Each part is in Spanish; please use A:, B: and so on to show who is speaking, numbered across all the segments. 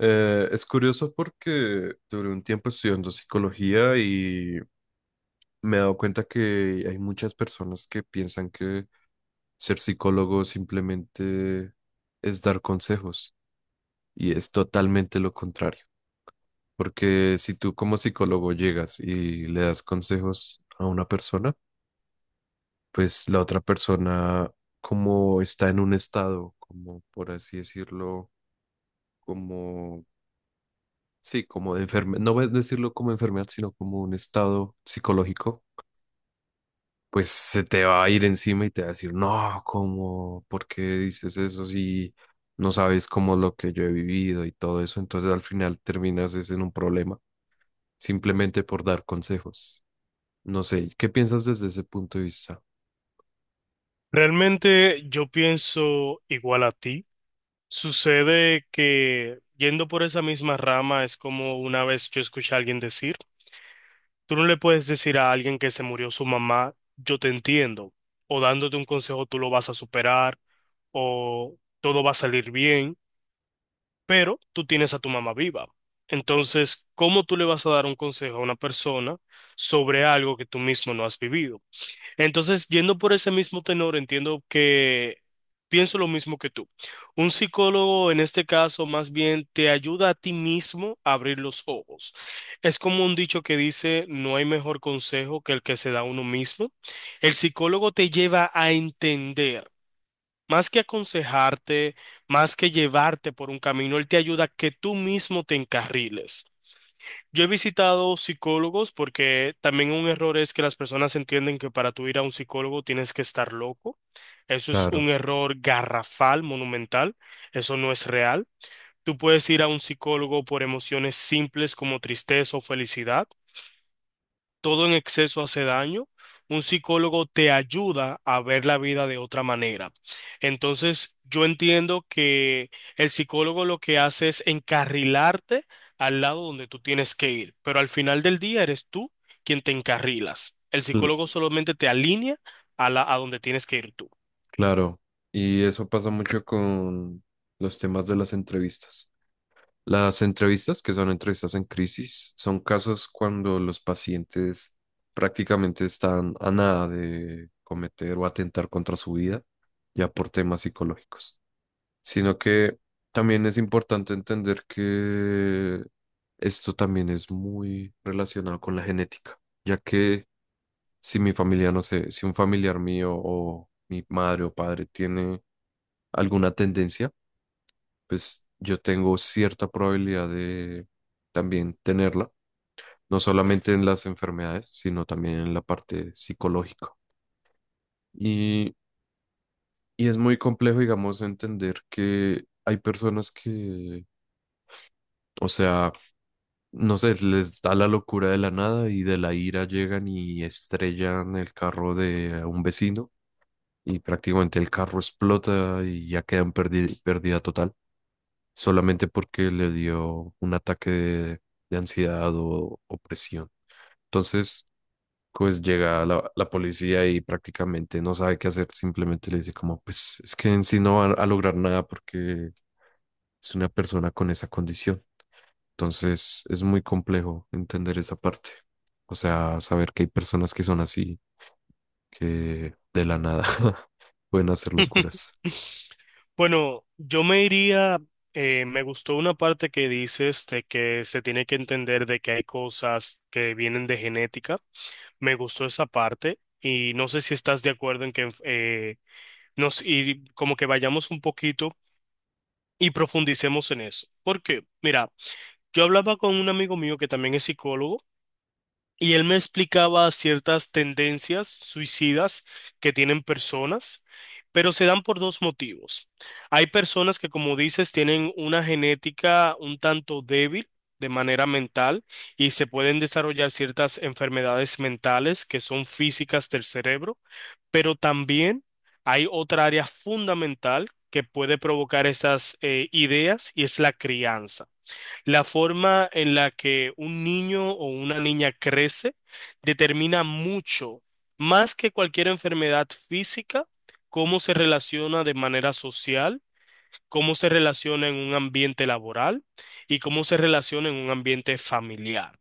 A: Es curioso porque duré un tiempo estudiando psicología y me he dado cuenta que hay muchas personas que piensan que ser psicólogo simplemente es dar consejos y es totalmente lo contrario. Porque si tú como psicólogo llegas y le das consejos a una persona, pues la otra persona como está en un estado, como por así decirlo, como sí, como de enfermedad, no voy a decirlo como enfermedad, sino como un estado psicológico, pues se te va a ir encima y te va a decir, no, ¿cómo? ¿Por qué dices eso si no sabes cómo lo que yo he vivido y todo eso? Entonces al final terminas es en un problema, simplemente por dar consejos. No sé, ¿qué piensas desde ese punto de vista?
B: Realmente yo pienso igual a ti. Sucede que yendo por esa misma rama es como una vez yo escuché a alguien decir, tú no le puedes decir a alguien que se murió su mamá, yo te entiendo, o dándote un consejo tú lo vas a superar, o todo va a salir bien, pero tú tienes a tu mamá viva. Entonces, ¿cómo tú le vas a dar un consejo a una persona sobre algo que tú mismo no has vivido? Entonces, yendo por ese mismo tenor, entiendo que pienso lo mismo que tú. Un psicólogo en este caso más bien te ayuda a ti mismo a abrir los ojos. Es como un dicho que dice, no hay mejor consejo que el que se da a uno mismo. El psicólogo te lleva a entender. Más que aconsejarte, más que llevarte por un camino, él te ayuda a que tú mismo te encarriles. Yo he visitado psicólogos porque también un error es que las personas entienden que para tú ir a un psicólogo tienes que estar loco. Eso es un
A: Claro,
B: error garrafal, monumental. Eso no es real. Tú puedes ir a un psicólogo por emociones simples como tristeza o felicidad, todo en exceso hace daño. Un psicólogo te ayuda a ver la vida de otra manera. Entonces, yo entiendo que el psicólogo lo que hace es encarrilarte al lado donde tú tienes que ir, pero al final del día eres tú quien te encarrilas. El
A: cl-
B: psicólogo solamente te alinea a la, a donde tienes que ir tú.
A: claro. Y eso pasa mucho con los temas de las entrevistas. Las entrevistas, que son entrevistas en crisis, son casos cuando los pacientes prácticamente están a nada de cometer o atentar contra su vida, ya por temas psicológicos. Sino que también es importante entender que esto también es muy relacionado con la genética, ya que si mi familia, no sé, si un familiar mío o mi madre o padre tiene alguna tendencia, pues yo tengo cierta probabilidad de también tenerla, no solamente en las enfermedades, sino también en la parte psicológica. Y, y es muy complejo, digamos, entender que hay personas que, o sea, no sé, les da la locura de la nada y de la ira llegan y estrellan el carro de un vecino y prácticamente el carro explota y ya quedan pérdida total. Solamente porque le dio un ataque de ansiedad o opresión. Entonces, pues llega la policía y prácticamente no sabe qué hacer, simplemente le dice como, pues es que en sí no va a lograr nada porque es una persona con esa condición. Entonces, es muy complejo entender esa parte. O sea, saber que hay personas que son así, que de la nada pueden hacer locuras.
B: Bueno, yo me iría, me gustó una parte que dices de que se tiene que entender de que hay cosas que vienen de genética. Me gustó esa parte y no sé si estás de acuerdo en que nos y como que vayamos un poquito y profundicemos en eso. Porque, mira, yo hablaba con un amigo mío que también es psicólogo. Y él me explicaba ciertas tendencias suicidas que tienen personas, pero se dan por dos motivos. Hay personas que, como dices, tienen una genética un tanto débil de manera mental y se pueden desarrollar ciertas enfermedades mentales que son físicas del cerebro, pero también hay otra área fundamental que puede provocar estas ideas, y es la crianza. La forma en la que un niño o una niña crece determina mucho, más que cualquier enfermedad física, cómo se relaciona de manera social, cómo se relaciona en un ambiente laboral y cómo se relaciona en un ambiente familiar.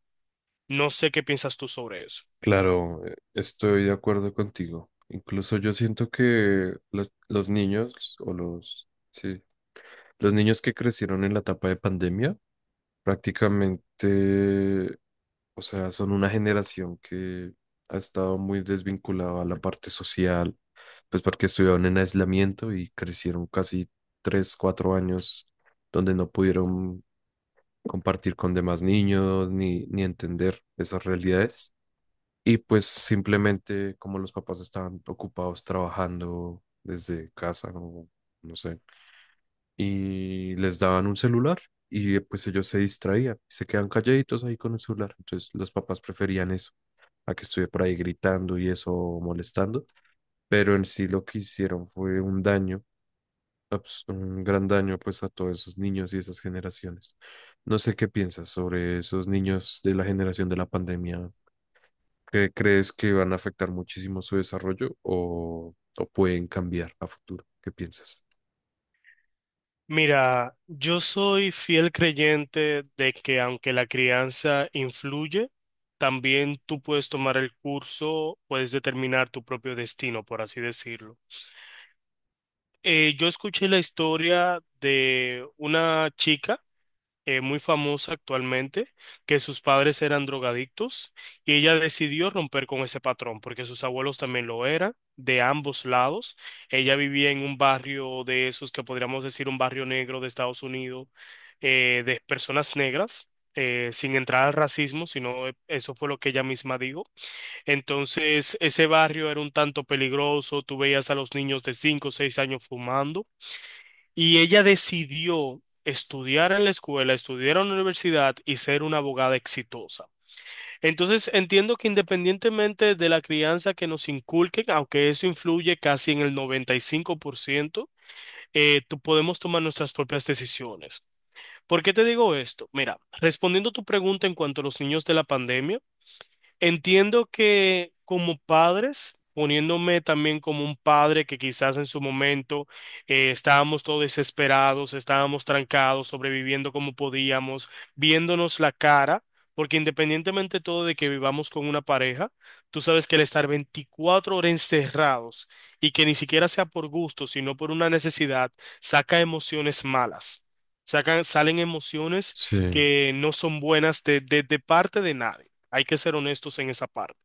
B: No sé qué piensas tú sobre eso.
A: Claro, estoy de acuerdo contigo. Incluso yo siento que los niños o los, sí, los niños que crecieron en la etapa de pandemia, prácticamente, o sea, son una generación que ha estado muy desvinculada a la parte social, pues porque estuvieron en aislamiento y crecieron casi tres, cuatro años donde no pudieron compartir con demás niños ni entender esas realidades. Y pues simplemente como los papás estaban ocupados trabajando desde casa o no sé, y les daban un celular y pues ellos se distraían, se quedan calladitos ahí con el celular. Entonces los papás preferían eso a que estuviera por ahí gritando y eso molestando, pero en sí lo que hicieron fue un daño, un gran daño pues a todos esos niños y esas generaciones. No sé qué piensas sobre esos niños de la generación de la pandemia. ¿Crees que van a afectar muchísimo su desarrollo o pueden cambiar a futuro? ¿Qué piensas?
B: Mira, yo soy fiel creyente de que aunque la crianza influye, también tú puedes tomar el curso, puedes determinar tu propio destino, por así decirlo. Yo escuché la historia de una chica muy famosa actualmente, que sus padres eran drogadictos y ella decidió romper con ese patrón porque sus abuelos también lo eran, de ambos lados. Ella vivía en un barrio de esos que podríamos decir un barrio negro de Estados Unidos, de personas negras. Sin entrar al racismo, sino eso fue lo que ella misma dijo. Entonces, ese barrio era un tanto peligroso, tú veías a los niños de 5 o 6 años fumando y ella decidió estudiar en la escuela, estudiar en la universidad y ser una abogada exitosa. Entonces, entiendo que independientemente de la crianza que nos inculquen, aunque eso influye casi en el 95%, tú podemos tomar nuestras propias decisiones. ¿Por qué te digo esto? Mira, respondiendo a tu pregunta en cuanto a los niños de la pandemia, entiendo que como padres, poniéndome también como un padre que quizás en su momento estábamos todos desesperados, estábamos trancados, sobreviviendo como podíamos, viéndonos la cara, porque independientemente todo de que vivamos con una pareja, tú sabes que el estar 24 horas encerrados y que ni siquiera sea por gusto, sino por una necesidad, saca emociones malas. Sacan, salen emociones
A: Sí,
B: que no son buenas de, de parte de nadie. Hay que ser honestos en esa parte.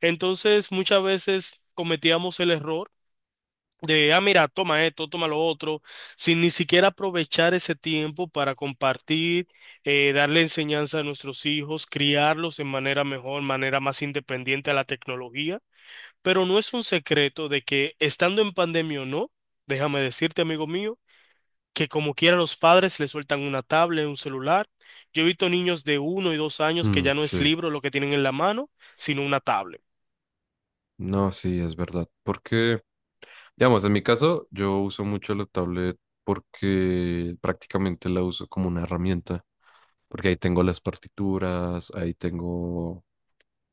B: Entonces, muchas veces cometíamos el error de, ah, mira, toma esto, toma lo otro, sin ni siquiera aprovechar ese tiempo para compartir, darle enseñanza a nuestros hijos, criarlos de manera mejor, manera más independiente a la tecnología. Pero no es un secreto de que estando en pandemia o no, déjame decirte, amigo mío, que como quiera los padres le sueltan una tablet, un celular. Yo he visto niños de uno y dos años que
A: mm,
B: ya no es
A: sí.
B: libro lo que tienen en la mano, sino una tablet.
A: No, sí, es verdad. Porque, digamos, en mi caso, yo uso mucho la tablet porque prácticamente la uso como una herramienta. Porque ahí tengo las partituras, ahí tengo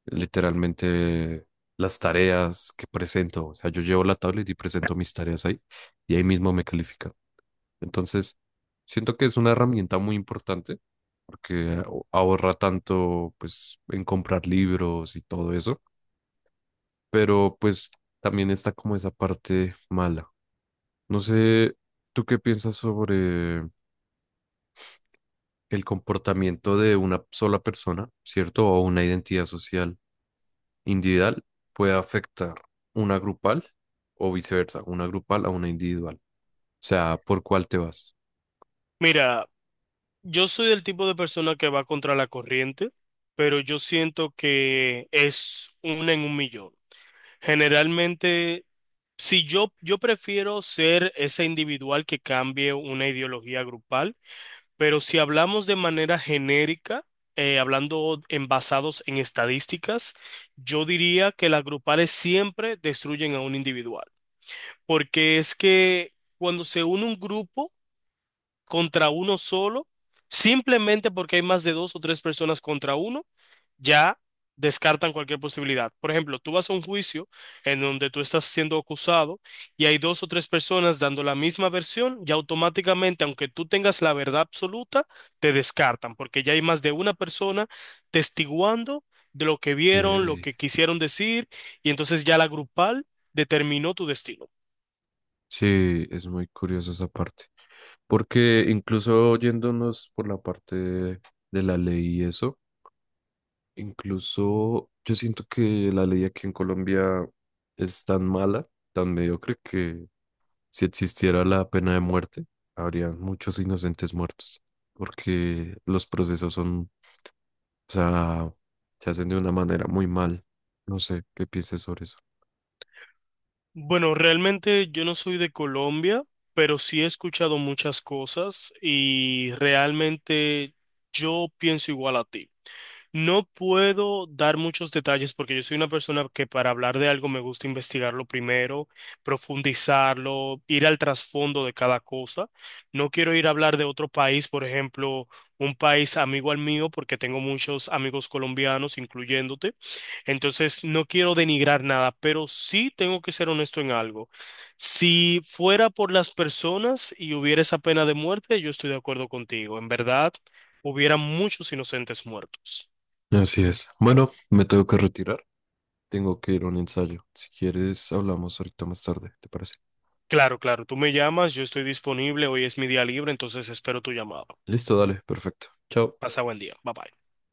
A: literalmente las tareas que presento. O sea, yo llevo la tablet y presento mis tareas ahí y ahí mismo me califican. Entonces, siento que es una herramienta muy importante porque ahorra tanto pues en comprar libros y todo eso, pero pues también está como esa parte mala. No sé, ¿tú qué piensas sobre el comportamiento de una sola persona, ¿cierto? O una identidad social individual puede afectar una grupal o viceversa, una grupal a una individual. O sea, ¿por cuál te vas?
B: Mira, yo soy del tipo de persona que va contra la corriente, pero yo siento que es una en un millón. Generalmente, si yo prefiero ser ese individual que cambie una ideología grupal. Pero si hablamos de manera genérica, hablando en basados en estadísticas, yo diría que las grupales siempre destruyen a un individual. Porque es que cuando se une un grupo contra uno solo, simplemente porque hay más de dos o tres personas contra uno, ya descartan cualquier posibilidad. Por ejemplo, tú vas a un juicio en donde tú estás siendo acusado y hay dos o tres personas dando la misma versión, ya automáticamente, aunque tú tengas la verdad absoluta, te descartan, porque ya hay más de una persona testiguando de lo que vieron, lo
A: Eh,
B: que quisieron decir, y entonces ya la grupal determinó tu destino.
A: Sí, es muy curiosa esa parte. Porque incluso yéndonos por la parte de la ley y eso, incluso yo siento que la ley aquí en Colombia es tan mala, tan mediocre, que si existiera la pena de muerte, habría muchos inocentes muertos. Porque los procesos son, o sea, se hacen de una manera muy mal. No sé qué pienses sobre eso.
B: Bueno, realmente yo no soy de Colombia, pero sí he escuchado muchas cosas y realmente yo pienso igual a ti. No puedo dar muchos detalles porque yo soy una persona que para hablar de algo me gusta investigarlo primero, profundizarlo, ir al trasfondo de cada cosa. No quiero ir a hablar de otro país, por ejemplo, un país amigo al mío, porque tengo muchos amigos colombianos, incluyéndote. Entonces, no quiero denigrar nada, pero sí tengo que ser honesto en algo. Si fuera por las personas y hubiera esa pena de muerte, yo estoy de acuerdo contigo. En verdad, hubiera muchos inocentes muertos.
A: Así es. Bueno, me tengo que retirar. Tengo que ir a un ensayo. Si quieres, hablamos ahorita más tarde, ¿te parece?
B: Claro, claro, tú me llamas, yo estoy disponible, hoy es mi día libre, entonces espero tu llamada.
A: Listo, dale, perfecto. Chao.
B: Pasa buen día, bye bye.